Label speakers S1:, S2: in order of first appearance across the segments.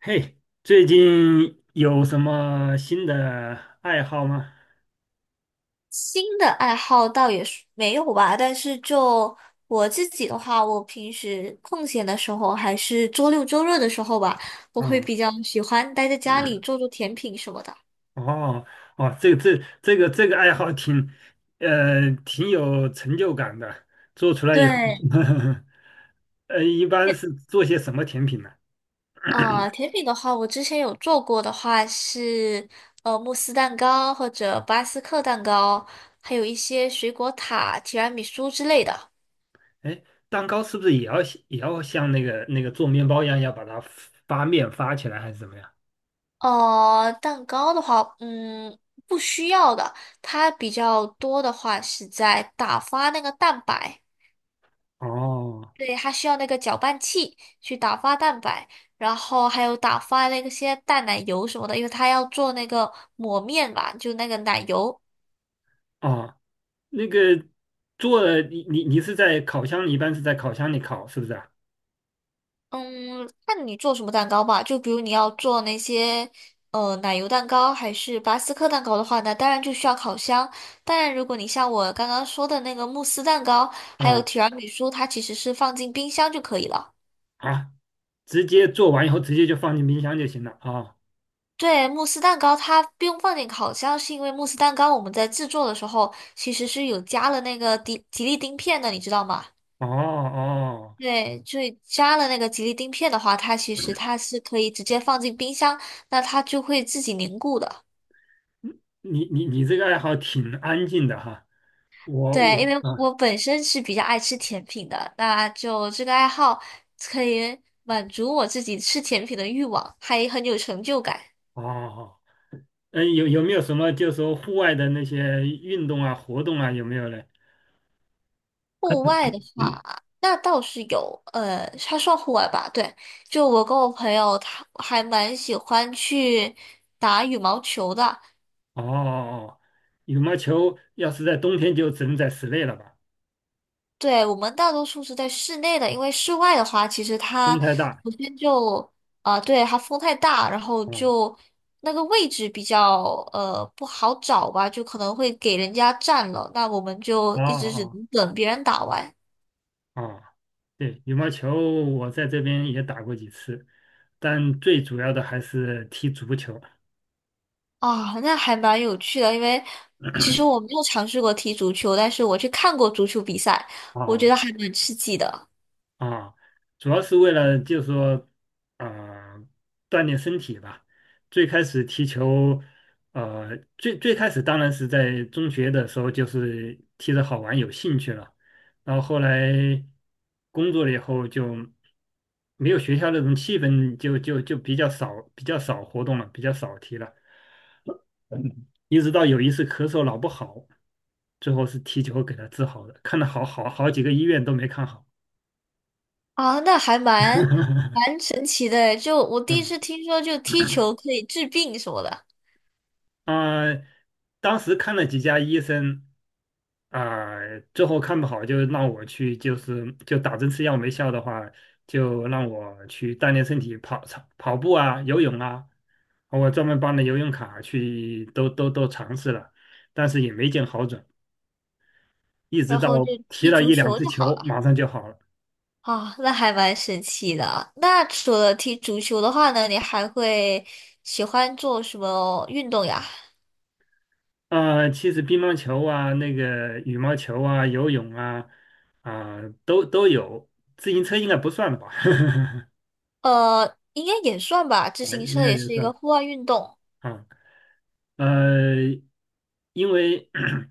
S1: 嘿，最近有什么新的爱好吗？
S2: 新的爱好倒也是没有吧，但是就我自己的话，我平时空闲的时候，还是周六周日的时候吧，我会
S1: 啊、
S2: 比较喜欢待在家里做做甜品什么的。
S1: 哦，哦，这个爱好挺有成就感的。做出来以后，
S2: 对，
S1: 一般
S2: 甜
S1: 是做些什么甜品呢？
S2: 甜品的话，我之前有做过的话是慕斯蛋糕或者巴斯克蛋糕，还有一些水果塔、提拉米苏之类的。
S1: 哎，蛋糕是不是也要像那个做面包一样，要把它发面发起来，还是怎么样？
S2: 蛋糕的话，嗯，不需要的。它比较多的话是在打发那个蛋白，
S1: 哦
S2: 对，它需要那个搅拌器去打发蛋白，然后还有打发那些淡奶油什么的，因为它要做那个抹面嘛，就那个奶油。
S1: 哦，那个做了你是在烤箱里，一般是在烤箱里烤，是不是啊？
S2: 嗯，看你做什么蛋糕吧。就比如你要做那些奶油蛋糕还是巴斯克蛋糕的话，那当然就需要烤箱。当然，如果你像我刚刚说的那个慕斯蛋糕，还有
S1: 啊
S2: 提拉米苏，它其实是放进冰箱就可以了。
S1: 啊，直接做完以后直接就放进冰箱就行了啊。
S2: 对，慕斯蛋糕它不用放进烤箱，是因为慕斯蛋糕我们在制作的时候其实是有加了那个吉利丁片的，你知道吗？
S1: 哦哦，
S2: 对，就以加了那个吉利丁片的话，它其实它是可以直接放进冰箱，那它就会自己凝固的。
S1: 嗯你这个爱好挺安静的哈。我
S2: 对，因
S1: 我
S2: 为
S1: 啊
S2: 我本身是比较爱吃甜品的，那就这个爱好可以满足我自己吃甜品的欲望，还很有成就感。
S1: 哦，嗯，没有什么就是说户外的那些运动啊活动啊有没有嘞？
S2: 户外的话，那倒是有，它算户外吧？对，就我跟我朋友，他还蛮喜欢去打羽毛球的。
S1: 哦哦，羽毛球要是在冬天就只能在室内了吧，
S2: 对，我们大多数是在室内的，因为室外的话，其实它
S1: 风太大。
S2: 首先就啊、对，它风太大，然后
S1: 嗯，
S2: 就那个位置比较不好找吧，就可能会给人家占了，那我们就
S1: 哦
S2: 一直只
S1: 哦
S2: 能等别人打完。
S1: 哦，对，羽毛球我在这边也打过几次，但最主要的还是踢足球。
S2: 啊，那还蛮有趣的，因为其实我没有尝试过踢足球，但是我去看过足球比赛，我觉
S1: 啊。
S2: 得还蛮刺激的。
S1: 啊，主要是为了就是说，呃，锻炼身体吧。最开始踢球，最开始当然是在中学的时候，就是踢着好玩，有兴趣了。然后后来工作了以后，就没有学校那种气氛就比较少，比较少活动了，比较少踢了。一直到有一次咳嗽老不好，最后是踢球给他治好的，看了好几个医院都没看好。
S2: 啊，那还蛮神奇的诶，就我第一
S1: 嗯。
S2: 次听说就踢球可以治病什么的。
S1: 啊、当时看了几家医生，啊、最后看不好就让我去，就打针吃药没效的话，就让我去锻炼身体，跑操跑步啊，游泳啊，我专门办了游泳卡去，都尝试了，但是也没见好转，一直
S2: 然
S1: 到
S2: 后就
S1: 踢
S2: 踢
S1: 了
S2: 足
S1: 一两
S2: 球
S1: 次
S2: 就好
S1: 球，
S2: 了。
S1: 马上就好了。
S2: 啊，那还蛮神奇的。那除了踢足球的话呢，你还会喜欢做什么运动呀？
S1: 啊、其实乒乓球啊，那个羽毛球啊，游泳啊，啊、都有，自行车应该不算吧？
S2: 应该也算吧，自
S1: 啊
S2: 行
S1: 应
S2: 车
S1: 该
S2: 也
S1: 也
S2: 是一个
S1: 算。
S2: 户外运动，
S1: 啊，呃，因为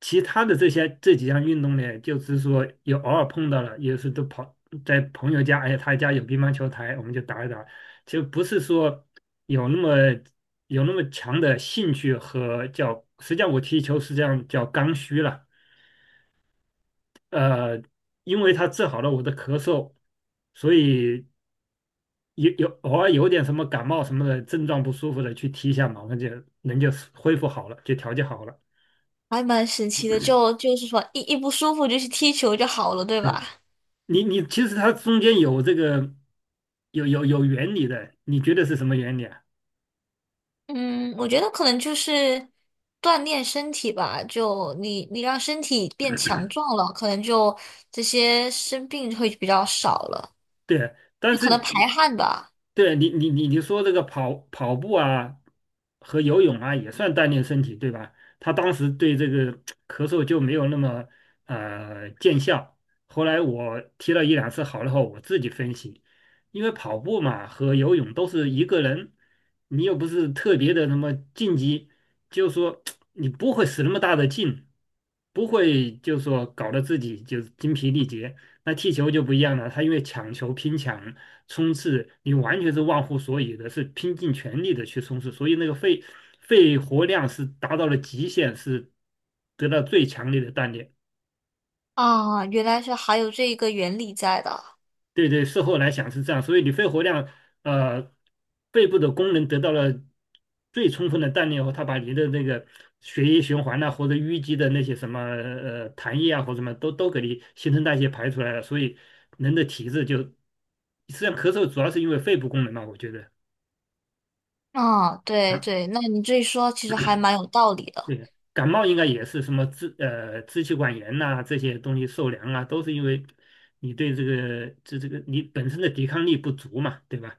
S1: 其他的这几项运动呢，就是说有偶尔碰到了，有时都跑在朋友家，哎，他家有乒乓球台，我们就打一打，就不是说有那么有那么强的兴趣和叫，实际上我踢球实际上叫刚需了。呃，因为他治好了我的咳嗽，所以有有偶尔有点什么感冒什么的症状不舒服的，去踢一下嘛，马上就人就恢复好了，就调节好了。
S2: 还蛮神奇的。就是说，一不舒服就去踢球就好了，对吧？
S1: 对你其实它中间有这个有原理的，你觉得是什么原理啊？
S2: 嗯，我觉得可能就是锻炼身体吧，就你你让身体变强壮了，可能就这些生病会比较少了，
S1: 对，但
S2: 就可能
S1: 是
S2: 排汗吧。
S1: 对你说这个跑步啊和游泳啊也算锻炼身体，对吧？他当时对这个咳嗽就没有那么见效。后来我踢了一两次好了后，我自己分析，因为跑步嘛和游泳都是一个人，你又不是特别的那么竞技，就是说 你不会使那么大的劲，不会就是说搞得自己就是精疲力竭。那踢球就不一样了，他因为抢球、拼抢、冲刺，你完全是忘乎所以的，是拼尽全力的去冲刺，所以那个肺活量是达到了极限，是得到最强烈的锻炼。
S2: 啊，原来是还有这一个原理在的。
S1: 对对，事后来想是这样，所以你肺活量，呃，肺部的功能得到了最充分的锻炼后，它把你的那个血液循环呐、或者淤积的那些什么痰液啊，或者什么都给你新陈代谢排出来了，所以人的体质就实际上咳嗽主要是因为肺部功能嘛，我觉得
S2: 啊，
S1: 啊，
S2: 对对，那你这一说其实还蛮有道理的。
S1: 对，感冒应该也是什么支气管炎呐、这些东西受凉啊，都是因为你对这个你本身的抵抗力不足嘛，对吧？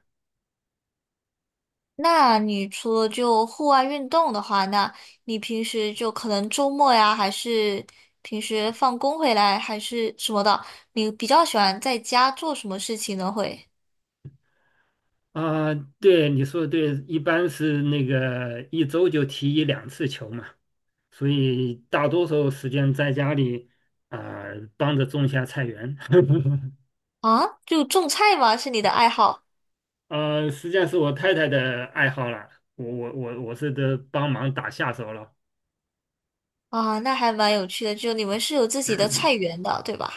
S2: 那你除了就户外运动的话，那你平时就可能周末呀，还是平时放工回来，还是什么的，你比较喜欢在家做什么事情呢？会
S1: 啊，对，你说的对，一般是那个一周就踢一两次球嘛，所以大多数时间在家里啊、帮着种下菜园，
S2: 啊，就种菜吗？是你的爱好
S1: 实际上是我太太的爱好了，我是得帮忙打下手了，
S2: 啊？那还蛮有趣的。就你们是有自己的菜园的，对吧？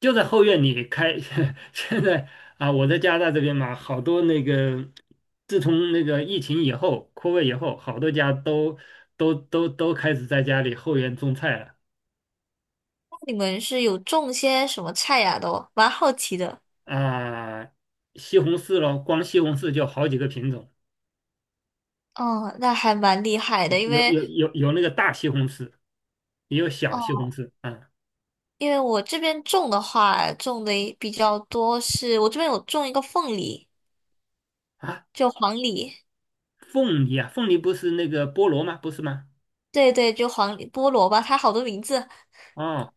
S1: 就在后院里开，现在啊、我在加拿大这边嘛，好多那个自从那个疫情以后扩位以后，好多家都开始在家里后院种菜了。
S2: 那你们是有种些什么菜呀？都蛮好奇的。
S1: 啊、西红柿咯，光西红柿就好几个品种，
S2: 哦，那还蛮厉害的，因为
S1: 有那个大西红柿，也有小西
S2: 哦，
S1: 红柿啊
S2: 因为我这边种的话，种的比较多是，我这边有种一个凤梨，
S1: 啊，
S2: 就黄梨，
S1: 凤梨啊，凤梨不是那个菠萝吗？不是吗？
S2: 对对，就黄梨菠萝吧，它好多名字，
S1: 哦，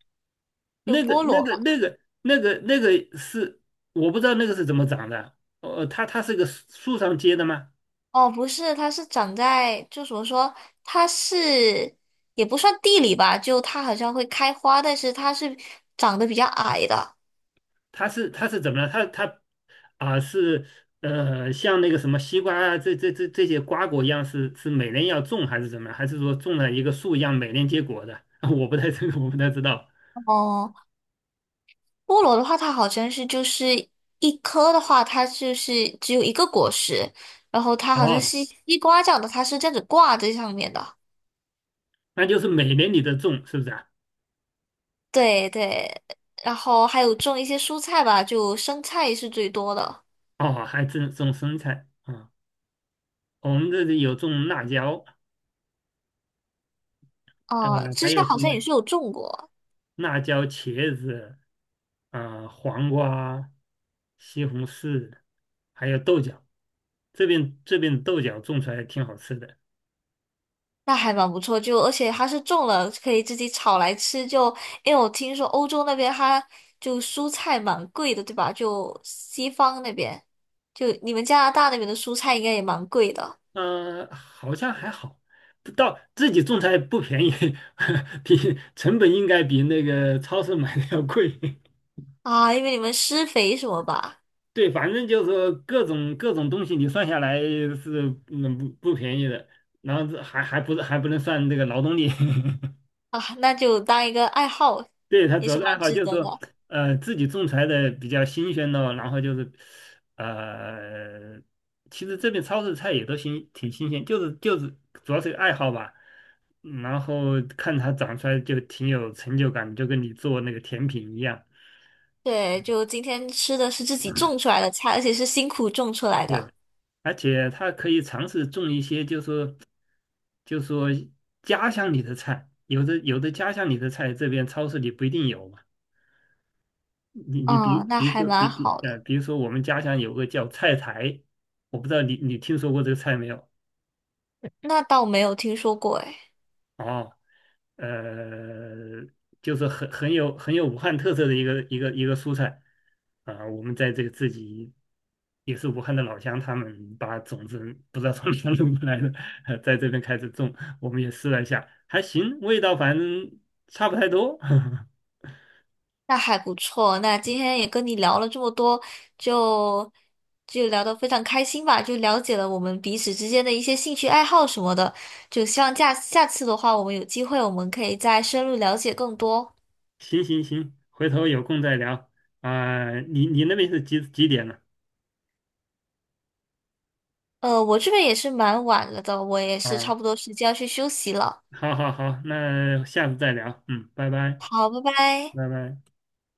S2: 就
S1: 那个
S2: 菠
S1: 那
S2: 萝
S1: 个
S2: 吧。
S1: 那个那个那个是我不知道那个是怎么长的，它是个树上结的吗？
S2: 哦，不是，它是长在，就怎么说，它是也不算地里吧，就它好像会开花，但是它是长得比较矮的。
S1: 它是怎么了？它它啊、是呃像那个什么西瓜啊，这些瓜果一样是每年要种还是怎么样？还是说种了一个树一样每年结果的？我不太这个 我不太知道。
S2: 哦。菠萝的话，它好像是就是一颗的话，它就是只有一个果实，然后它好像
S1: 哦，
S2: 是西瓜这样的，它是这样子挂在上面的。
S1: 那就是每年你都种是不是啊？
S2: 对对，然后还有种一些蔬菜吧，就生菜是最多的。
S1: 哦，还种种生菜啊、我们这里有种辣椒，呃，
S2: 啊，之
S1: 还
S2: 前
S1: 有
S2: 好
S1: 什
S2: 像
S1: 么
S2: 也是有种过，
S1: 辣椒、茄子啊、黄瓜、西红柿，还有豆角。这边的豆角种出来挺好吃的。
S2: 那还蛮不错。就而且它是种了，可以自己炒来吃。就因为我听说欧洲那边它就蔬菜蛮贵的，对吧？就西方那边，就你们加拿大那边的蔬菜应该也蛮贵的。
S1: 好像还好，不到自己种菜不便宜，比成本应该比那个超市买的要贵。
S2: 啊，因为你们施肥什么吧？
S1: 对，反正就是说各种东西，你算下来是不便宜的，然后这还还不是还不能算这个劳动力。
S2: 啊，那就当一个爱好，
S1: 对，他
S2: 也
S1: 主要
S2: 是
S1: 是爱
S2: 蛮
S1: 好，
S2: 值
S1: 就是
S2: 得
S1: 说，
S2: 的。
S1: 自己种出来的比较新鲜咯，然后就是，呃，其实这边超市菜也都新，挺新鲜，就是主要是爱好吧，然后看它长出来就挺有成就感，就跟你做那个甜品一样。
S2: 对，就今天吃的是自己种出来的菜，而且是辛苦种出来
S1: 对，
S2: 的。
S1: 而且它可以尝试种一些，就是说就是说家乡里的菜，有的家乡里的菜，这边超市里不一定有嘛。你你比
S2: 嗯，那
S1: 比如
S2: 还
S1: 说你
S2: 蛮
S1: 你
S2: 好的。
S1: 呃，比如说我们家乡有个叫菜苔，我不知道你听说过这个菜没有？
S2: 那倒没有听说过，诶，
S1: 哦，呃，就是很有武汉特色的一个蔬菜啊、我们在这个自己也是武汉的老乡，他们把种子不知道从哪弄过来的，在这边开始种，我们也试了一下，还行，味道反正差不太多。
S2: 那还不错。那今天也跟你聊了这么多，就就聊得非常开心吧，就了解了我们彼此之间的一些兴趣爱好什么的。就希望下下次的话，我们有机会，我们可以再深入了解更多。
S1: 行行行，回头有空再聊啊、你那边是几点呢？
S2: 我这边也是蛮晚了的，我也是
S1: 啊？
S2: 差不多时间要去休息了。
S1: 好好好，那下次再聊，嗯，拜拜，
S2: 好，拜拜。
S1: 拜拜。